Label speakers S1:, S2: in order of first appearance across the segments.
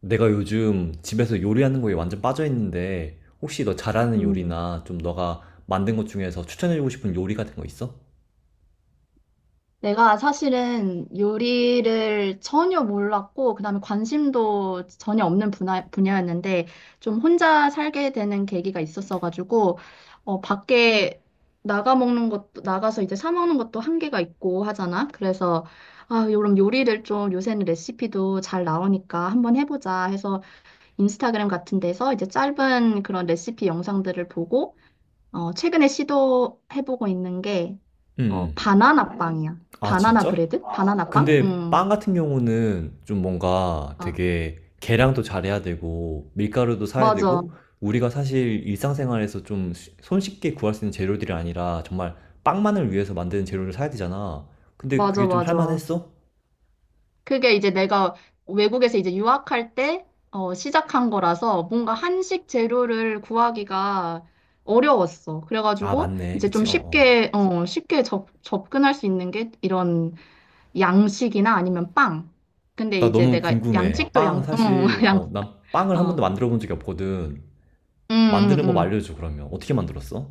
S1: 내가 요즘 집에서 요리하는 거에 완전 빠져있는데, 혹시 너 잘하는
S2: 음,
S1: 요리나 좀 너가 만든 것 중에서 추천해주고 싶은 요리 같은 거 있어?
S2: 내가 사실은 요리를 전혀 몰랐고, 그다음에 관심도 전혀 없는 분야였는데, 좀 혼자 살게 되는 계기가 있었어가지고, 밖에 나가 먹는 것도, 나가서 이제 사 먹는 것도 한계가 있고 하잖아. 그래서, 그럼 요리를 좀 요새는 레시피도 잘 나오니까 한번 해보자 해서 인스타그램 같은 데서 이제 짧은 그런 레시피 영상들을 보고, 최근에 시도해보고 있는 게,
S1: 응. 음.
S2: 바나나 빵이야.
S1: 아,
S2: 바나나
S1: 진짜?
S2: 브레드? 바나나 빵?
S1: 근데 빵
S2: 응.
S1: 같은 경우는 좀 뭔가
S2: 아,
S1: 되게 계량도 잘해야 되고, 밀가루도 사야
S2: 맞아.
S1: 되고, 우리가 사실 일상생활에서 좀 손쉽게 구할 수 있는 재료들이 아니라 정말 빵만을 위해서 만드는 재료를 사야 되잖아. 근데
S2: 맞아,
S1: 그게 좀
S2: 맞아.
S1: 할만했어?
S2: 그게 이제 내가 외국에서 이제 유학할 때, 시작한 거라서 뭔가 한식 재료를 구하기가 어려웠어.
S1: 아,
S2: 그래가지고
S1: 맞네.
S2: 이제
S1: 그치?
S2: 좀
S1: 어, 어.
S2: 쉽게, 쉽게 접근할 수 있는 게 이런 양식이나 아니면 빵. 근데
S1: 나
S2: 이제
S1: 너무
S2: 내가
S1: 궁금해.
S2: 양식도
S1: 빵,
S2: 응,
S1: 사실,
S2: 양,
S1: 난 빵을 한 번도
S2: 어.
S1: 만들어 본 적이 없거든.
S2: 응, 응,
S1: 만드는 법
S2: 응.
S1: 알려줘, 그러면. 어떻게 만들었어?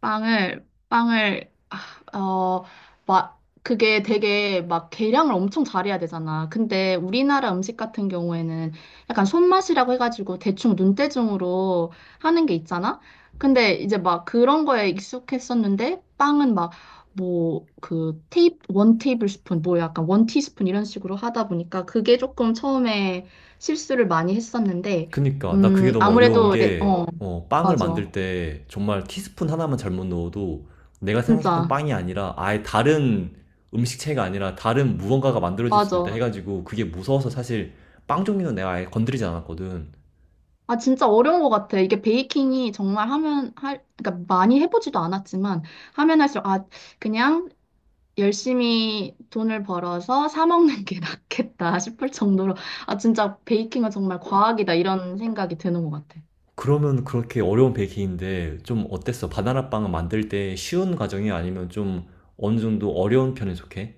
S2: 빵을 빵을 아, 어, 막 그게 되게 막 계량을 엄청 잘해야 되잖아. 근데 우리나라 음식 같은 경우에는 약간 손맛이라고 해가지고 대충 눈대중으로 하는 게 있잖아. 근데 이제 막 그런 거에 익숙했었는데 빵은 막 뭐 그 테이 원 테이블 스푼 뭐 약간 원 티스푼 이런 식으로 하다 보니까 그게 조금 처음에 실수를 많이 했었는데
S1: 그니까, 나 그게 너무 어려운
S2: 아무래도.
S1: 게, 빵을 만들
S2: 맞아.
S1: 때 정말 티스푼 하나만 잘못 넣어도 내가 생각했던
S2: 진짜.
S1: 빵이 아니라 아예 다른 음식체가 아니라 다른 무언가가 만들어질 수도 있다
S2: 맞아.
S1: 해가지고, 그게 무서워서 사실 빵 종류는 내가 아예 건드리지 않았거든.
S2: 진짜 어려운 것 같아. 이게 베이킹이 정말 그러니까 많이 해보지도 않았지만, 하면 할수록, 그냥 열심히 돈을 벌어서 사 먹는 게 낫겠다 싶을 정도로, 진짜 베이킹은 정말 과학이다. 이런 생각이 드는 것 같아.
S1: 그러면 그렇게 어려운 베이킹인데 좀 어땠어? 바나나 빵을 만들 때 쉬운 과정이 아니면 좀 어느 정도 어려운 편에 속해?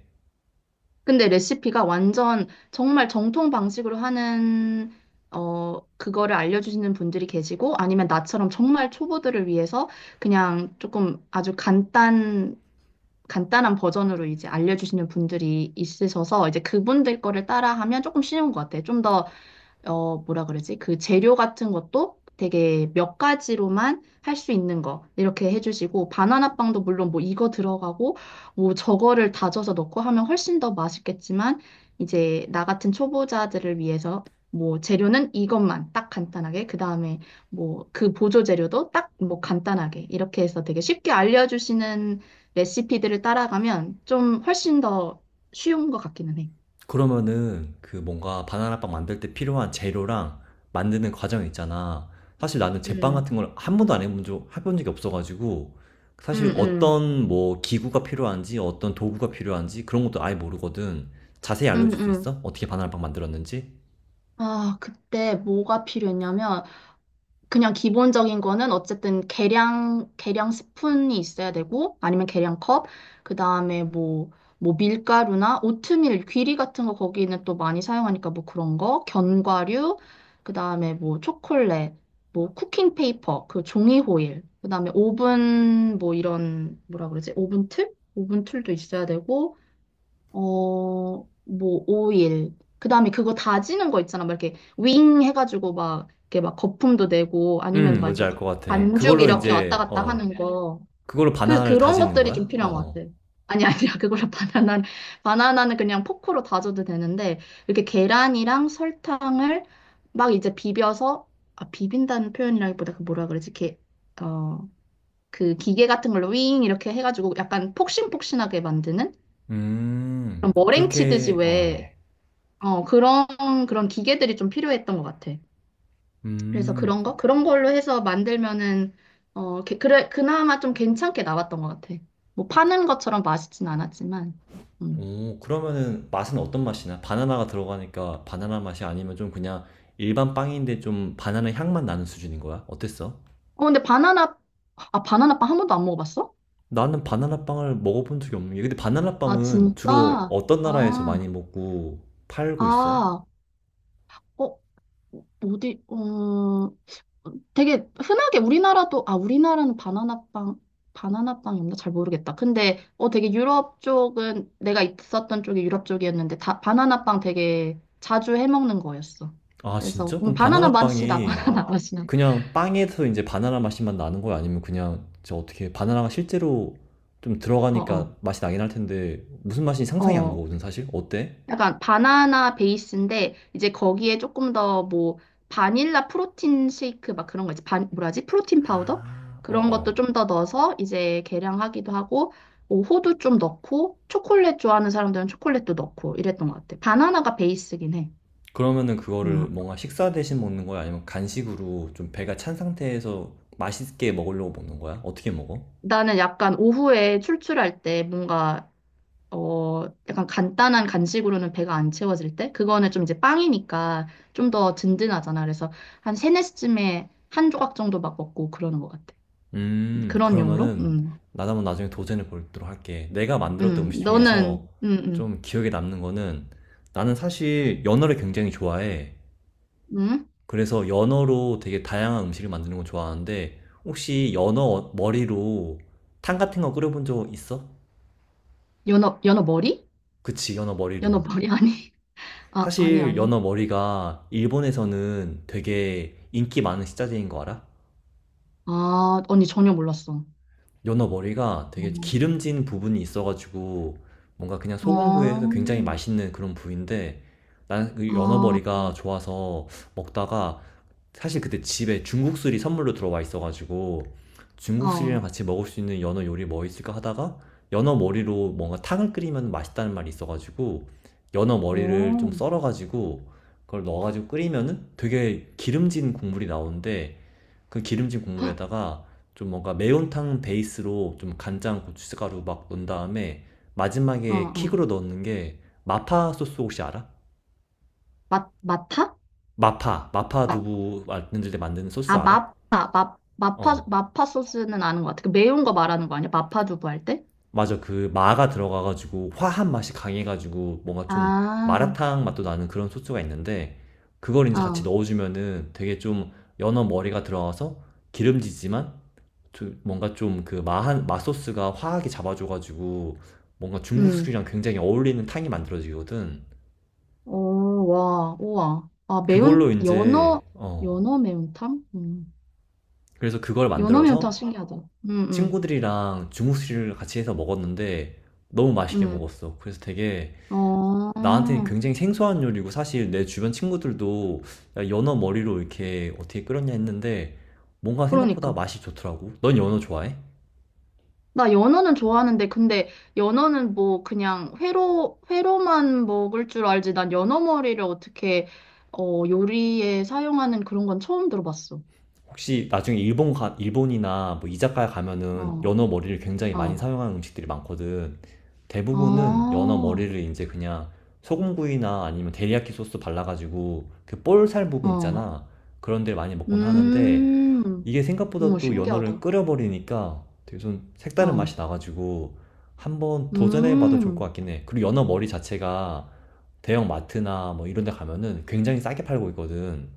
S2: 근데 레시피가 완전 정말 정통 방식으로 하는, 그거를 알려주시는 분들이 계시고, 아니면 나처럼 정말 초보들을 위해서 그냥 조금 아주 간단한 버전으로 이제 알려주시는 분들이 있으셔서 이제 그분들 거를 따라하면 조금 쉬운 것 같아요. 좀더 뭐라 그러지? 그 재료 같은 것도 되게 몇 가지로만 할 수 있는 거 이렇게 해주시고 바나나 빵도 물론 뭐 이거 들어가고 뭐 저거를 다져서 넣고 하면 훨씬 더 맛있겠지만 이제 나 같은 초보자들을 위해서 뭐 재료는 이것만 딱 간단하게 그 다음에 뭐 그 보조 재료도 딱 뭐 간단하게 이렇게 해서 되게 쉽게 알려주시는 레시피들을 따라가면 좀 훨씬 더 쉬운 것 같기는 해.
S1: 그러면은 그 뭔가 바나나빵 만들 때 필요한 재료랑 만드는 과정 있잖아. 사실 나는 제빵
S2: 음.
S1: 같은 걸 한 번도 안 해본 적, 해본 적이 없어가지고,
S2: 음.
S1: 사실
S2: 음.
S1: 어떤 뭐 기구가 필요한지 어떤 도구가 필요한지 그런 것도 아예 모르거든. 자세히
S2: 음.
S1: 알려줄 수
S2: 음.
S1: 있어? 어떻게 바나나빵 만들었는지?
S2: 그때 뭐가 필요했냐면, 그냥 기본적인 거는 어쨌든 계량 스푼이 있어야 되고, 아니면 계량 컵, 그 다음에 뭐 밀가루나 오트밀, 귀리 같은 거 거기는 또 많이 사용하니까 뭐 그런 거, 견과류, 그 다음에 뭐 초콜릿, 뭐 쿠킹 페이퍼, 그 종이 호일, 그 다음에 오븐, 뭐 이런, 뭐라 그러지? 오븐 틀? 오븐 툴도 있어야 되고, 뭐, 오일. 그 다음에 그거 다지는 거 있잖아. 막 이렇게 윙 해가지고 막, 이렇게 막 거품도 내고 아니면 막
S1: 뭔지
S2: 이렇게
S1: 알 것 같아.
S2: 반죽
S1: 그걸로
S2: 이렇게 왔다
S1: 이제,
S2: 갔다 하는 거.
S1: 그걸로 바나나를
S2: 그런
S1: 다지는
S2: 것들이 좀
S1: 거야? 어,
S2: 필요한 것
S1: 어.
S2: 같아. 아니, 아니야. 그거를 바나나는 그냥 포크로 다져도 되는데, 이렇게 계란이랑 설탕을 막 이제 비벼서, 비빈다는 표현이라기보다 그 뭐라 그러지? 어, 그 기계 같은 걸로 윙 이렇게 해가지고 약간 폭신폭신하게 만드는? 그런 머랭 치듯이
S1: 그렇게, 어.
S2: 왜 어, 그런, 그런 기계들이 좀 필요했던 것 같아. 그래서
S1: 음,
S2: 그런 거? 그런 걸로 해서 만들면은, 그래, 그나마 좀 괜찮게 나왔던 것 같아. 뭐 파는 것처럼 맛있진 않았지만. 음.
S1: 오, 그러면은 맛은 어떤 맛이나? 바나나가 들어가니까 바나나 맛이 아니면 좀 그냥 일반 빵인데 좀 바나나 향만 나는 수준인 거야? 어땠어?
S2: 근데 바나나, 바나나빵 한 번도 안 먹어봤어?
S1: 나는 바나나 빵을 먹어본 적이 없는 게, 근데 바나나
S2: 아,
S1: 빵은 주로
S2: 진짜?
S1: 어떤 나라에서
S2: 아,
S1: 많이 먹고 팔고 있어?
S2: 아, 어, 어디, 되게 흔하게 우리나라도 우리나라는 바나나 빵 바나나 빵이 없나 잘 모르겠다. 근데 되게 유럽 쪽은 내가 있었던 쪽이 유럽 쪽이었는데 다 바나나 빵 되게 자주 해 먹는 거였어.
S1: 아,
S2: 그래서
S1: 진짜? 그럼
S2: 바나나
S1: 바나나
S2: 맛이 나,
S1: 빵이
S2: 바나나 맛이 나.
S1: 그냥 빵에서 이제 바나나 맛이만 나는 거야? 아니면 그냥 저 어떻게 바나나가 실제로 좀
S2: 어어.
S1: 들어가니까 맛이 나긴 할 텐데 무슨 맛인지
S2: 어,
S1: 상상이 안
S2: 어.
S1: 가거든, 사실? 어때?
S2: 약간 바나나 베이스인데 이제 거기에 조금 더 뭐 바닐라 프로틴 쉐이크 막 그런 거 있지. 반 뭐라지? 프로틴 파우더?
S1: 아,
S2: 그런 것도
S1: 어어.
S2: 좀 더 넣어서 이제 계량하기도 하고 뭐 호두 좀 넣고 초콜릿 좋아하는 사람들은 초콜릿도 넣고 이랬던 것 같아. 바나나가 베이스긴 해.
S1: 그러면은
S2: 음.
S1: 그거를 뭔가 식사 대신 먹는 거야? 아니면 간식으로 좀 배가 찬 상태에서 맛있게 먹으려고 먹는 거야? 어떻게 먹어?
S2: 나는 약간 오후에 출출할 때 뭔가 약간 간단한 간식으로는 배가 안 채워질 때? 그거는 좀 이제 빵이니까 좀 더 든든하잖아. 그래서 한 세네 시쯤에 한 조각 정도 막 먹고 그러는 것 같아. 그런 용으로?
S1: 그러면은
S2: 음.
S1: 나도 한번 나중에 도전해 보도록 할게. 내가 만들었던
S2: 음. 음.
S1: 음식 중에서
S2: 너는, 음,
S1: 좀 기억에 남는 거는, 나는 사실 연어를 굉장히 좋아해.
S2: 음?
S1: 그래서 연어로 되게 다양한 음식을 만드는 거 좋아하는데, 혹시 연어 머리로 탕 같은 거 끓여본 적 있어?
S2: 연어, 연어 머리?
S1: 그치, 연어 머리로.
S2: 연어 머리 아니? 아니,
S1: 사실
S2: 아니.
S1: 연어 머리가 일본에서는 되게 인기 많은 식자재인 거 알아?
S2: 언니 전혀 몰랐어.
S1: 연어 머리가 되게
S2: 음.
S1: 기름진 부분이 있어가지고, 뭔가 그냥 소금구이 해서
S2: 어.
S1: 굉장히 맛있는 그런 부위인데, 나는 그 연어
S2: 아.
S1: 머리가 좋아서 먹다가 사실 그때 집에 중국술이 선물로 들어와 있어가지고, 중국술이랑
S2: 어.
S1: 같이 먹을 수 있는 연어 요리 뭐 있을까 하다가, 연어 머리로 뭔가 탕을 끓이면 맛있다는 말이 있어가지고 연어 머리를 좀
S2: 어.
S1: 썰어가지고 그걸 넣어가지고 끓이면은 되게 기름진 국물이 나오는데, 그 기름진 국물에다가 좀 뭔가 매운탕 베이스로 좀 간장, 고춧가루 막 넣은 다음에,
S2: 어,
S1: 마지막에
S2: 어.
S1: 킥으로 넣는 게 마파 소스, 혹시 알아?
S2: 마타?
S1: 마파, 마파 두부 만들 때 만드는 소스
S2: 아,
S1: 알아?
S2: 마파, 마, 마파,
S1: 어,
S2: 마파 소스는 아는 것 같아. 그 매운 거 말하는 거 아니야? 마파 두부 할 때?
S1: 맞아. 그 마가 들어가가지고 화한 맛이 강해가지고 뭔가 좀
S2: 아.
S1: 마라탕 맛도 나는 그런 소스가 있는데, 그걸 이제 같이
S2: 어.
S1: 넣어주면은 되게 좀, 연어 머리가 들어가서 기름지지만 뭔가 좀 그 마한 마소스가 화하게 잡아줘가지고 뭔가 중국
S2: 음.
S1: 술이랑 굉장히 어울리는 탕이 만들어지거든.
S2: 오, 와, 우와.
S1: 그걸로 이제
S2: 연어 매운탕? 음.
S1: 그래서 그걸
S2: 연어 매운탕
S1: 만들어서
S2: 신기하다. 음. 음.
S1: 친구들이랑 중국 술을 같이 해서 먹었는데, 너무 맛있게
S2: 음.
S1: 먹었어. 그래서 되게
S2: 어,
S1: 나한테는 굉장히 생소한 요리고, 사실 내 주변 친구들도 야, 연어 머리로 이렇게 어떻게 끓였냐 했는데, 뭔가 생각보다
S2: 그러니까.
S1: 맛이 좋더라고. 넌 연어 좋아해?
S2: 나 연어는 좋아하는데, 근데 연어는 뭐 그냥 회로만 먹을 줄 알지. 난 연어 머리를 어떻게, 요리에 사용하는 그런 건 처음 들어봤어.
S1: 혹시 나중에 일본 가, 일본이나 뭐 이자카야 가면은
S2: 어.
S1: 연어 머리를 굉장히 많이
S2: 어.
S1: 사용하는 음식들이 많거든. 대부분은
S2: 아,
S1: 연어 머리를 이제 그냥 소금구이나 아니면 데리야끼 소스 발라가지고 그 볼살 부분
S2: 어,
S1: 있잖아. 그런 데를 많이 먹곤 하는데,
S2: 음,
S1: 이게 생각보다
S2: 어머,
S1: 또 연어를
S2: 신기하다.
S1: 끓여버리니까 되게 좀 색다른
S2: 어.
S1: 맛이 나가지고 한번 도전해봐도 좋을 것
S2: 음.
S1: 같긴 해. 그리고 연어 머리 자체가 대형 마트나 뭐 이런 데 가면은 굉장히 싸게 팔고 있거든.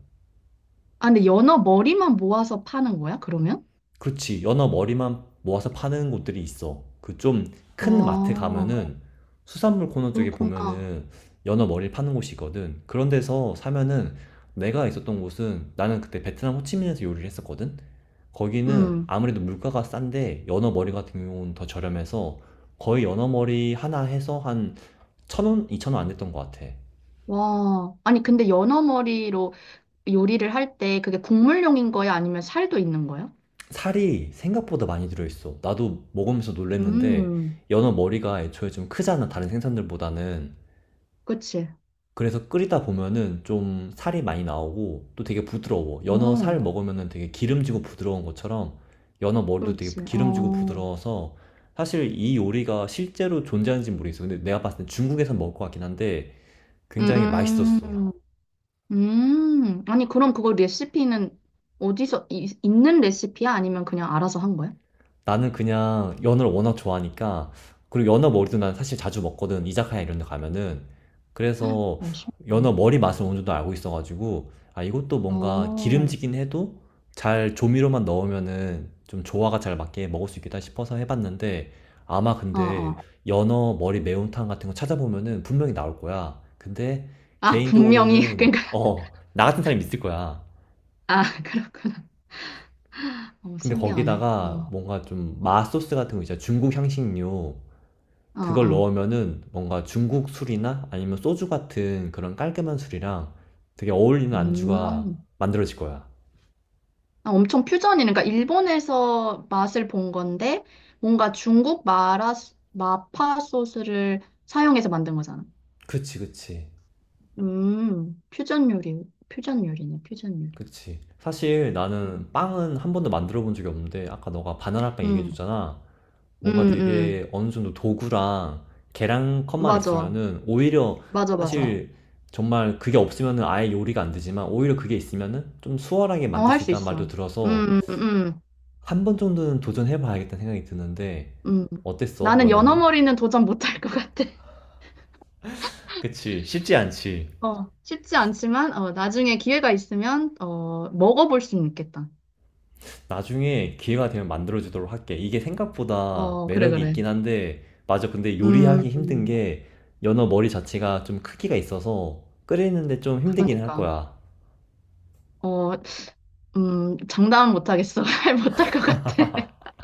S2: 근데 연어 머리만 모아서 파는 거야, 그러면?
S1: 그렇지. 연어 머리만 모아서 파는 곳들이 있어. 그 좀 큰 마트
S2: 아,
S1: 가면은 수산물 코너 쪽에
S2: 그렇구나.
S1: 보면은 연어 머리를 파는 곳이 있거든. 그런 데서 사면은, 내가 있었던 곳은, 나는 그때 베트남 호치민에서 요리를 했었거든. 거기는
S2: 음.
S1: 아무래도 물가가 싼데 연어 머리 같은 경우는 더 저렴해서 거의 연어 머리 하나 해서 한 1,000원, 2,000원 안 됐던 것 같아.
S2: 와. 아니, 근데 연어 머리로 요리를 할 때 그게 국물용인 거야? 아니면 살도 있는 거야?
S1: 살이 생각보다 많이 들어있어. 나도 먹으면서 놀랬는데
S2: 음.
S1: 연어 머리가 애초에 좀 크잖아. 다른 생선들보다는.
S2: 그치.
S1: 그래서 끓이다 보면은 좀 살이 많이 나오고 또 되게 부드러워. 연어 살
S2: 어,
S1: 먹으면은 되게 기름지고 부드러운 것처럼 연어 머리도 되게
S2: 그렇지.
S1: 기름지고
S2: 어.
S1: 부드러워서 사실 이 요리가 실제로 존재하는지 는 모르겠어. 근데 내가 봤을 때 중국에서 먹을 것 같긴 한데 굉장히 맛있었어.
S2: 음. 음. 아니, 그럼 그거 레시피는 어디서, 있는 레시피야? 아니면 그냥 알아서 한 거야?
S1: 나는 그냥 연어를 워낙 좋아하니까, 그리고 연어 머리도 난 사실 자주 먹거든, 이자카야 이런 데 가면은. 그래서 연어
S2: 신기하네.
S1: 머리 맛을 어느 정도 알고 있어가지고, 아 이것도
S2: 어.
S1: 뭔가
S2: 어.
S1: 기름지긴 해도 잘 조미료만 넣으면은 좀 조화가 잘 맞게 먹을 수 있겠다 싶어서 해봤는데, 아마
S2: 어.
S1: 근데 연어 머리 매운탕 같은 거 찾아보면은 분명히 나올 거야. 근데
S2: 분명히,
S1: 개인적으로는
S2: 그러니까,
S1: 나 같은 사람이 있을 거야.
S2: 그렇구나.
S1: 근데
S2: 신기하네.
S1: 거기다가
S2: 어.
S1: 뭔가 좀 맛소스 같은 거 있잖아. 중국 향신료.
S2: 어.
S1: 그걸
S2: 어.
S1: 넣으면은 뭔가 중국 술이나 아니면 소주 같은 그런 깔끔한 술이랑 되게 어울리는 안주가
S2: 음,
S1: 만들어질 거야.
S2: 엄청 퓨전이네. 그러니까 일본에서 맛을 본 건데, 뭔가 중국 마라, 마파 소스를 사용해서 만든 거잖아.
S1: 그치, 그치,
S2: 퓨전 요리, 퓨전 요리네, 퓨전 요리.
S1: 그치. 사실
S2: 어.
S1: 나는 빵은 한 번도 만들어 본 적이 없는데 아까 너가 바나나 빵 얘기해
S2: 음.
S1: 줬잖아.
S2: 음.
S1: 뭔가 되게
S2: 음.
S1: 어느 정도 도구랑 계량컵만
S2: 맞아.
S1: 있으면은 오히려,
S2: 맞아, 맞아.
S1: 사실 정말 그게 없으면은 아예 요리가 안 되지만 오히려 그게 있으면은 좀 수월하게 만들
S2: 할
S1: 수
S2: 수
S1: 있다는 말도
S2: 있어.
S1: 들어서
S2: 음. 음. 음.
S1: 한 번 정도는 도전해 봐야겠다는 생각이 드는데.
S2: 음.
S1: 어땠어?
S2: 나는
S1: 연어는?
S2: 연어머리는 도전 못할 것 같아.
S1: 그치. 쉽지 않지.
S2: 어, 쉽지 않지만, 나중에 기회가 있으면, 먹어볼 수는 있겠다.
S1: 나중에 기회가 되면 만들어 주도록 할게. 이게 생각보다
S2: 어, 그래,
S1: 매력이
S2: 그래.
S1: 있긴 한데, 맞아, 근데 요리하기
S2: 음.
S1: 힘든 게 연어 머리 자체가 좀 크기가 있어서 끓이는데 좀 힘들긴 할
S2: 그러니까.
S1: 거야.
S2: 어, 장담은 못하겠어. 못할 것 같아.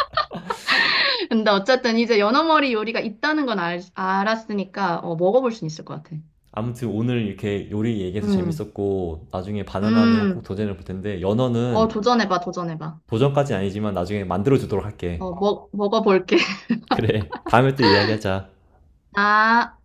S2: 근데 어쨌든 이제 연어머리 요리가 있다는 건 알았으니까, 먹어볼 수 있을 것 같아.
S1: 아무튼 오늘 이렇게 요리 얘기해서
S2: 음.
S1: 재밌었고, 나중에 바나나는 꼭
S2: 음.
S1: 도전해 볼 텐데
S2: 어,
S1: 연어는
S2: 도전해봐, 도전해봐.
S1: 도전까지는 아니지만 나중에 만들어 주도록 할게.
S2: 어, 먹어볼게.
S1: 그래. 다음에 또 이야기하자.
S2: 아.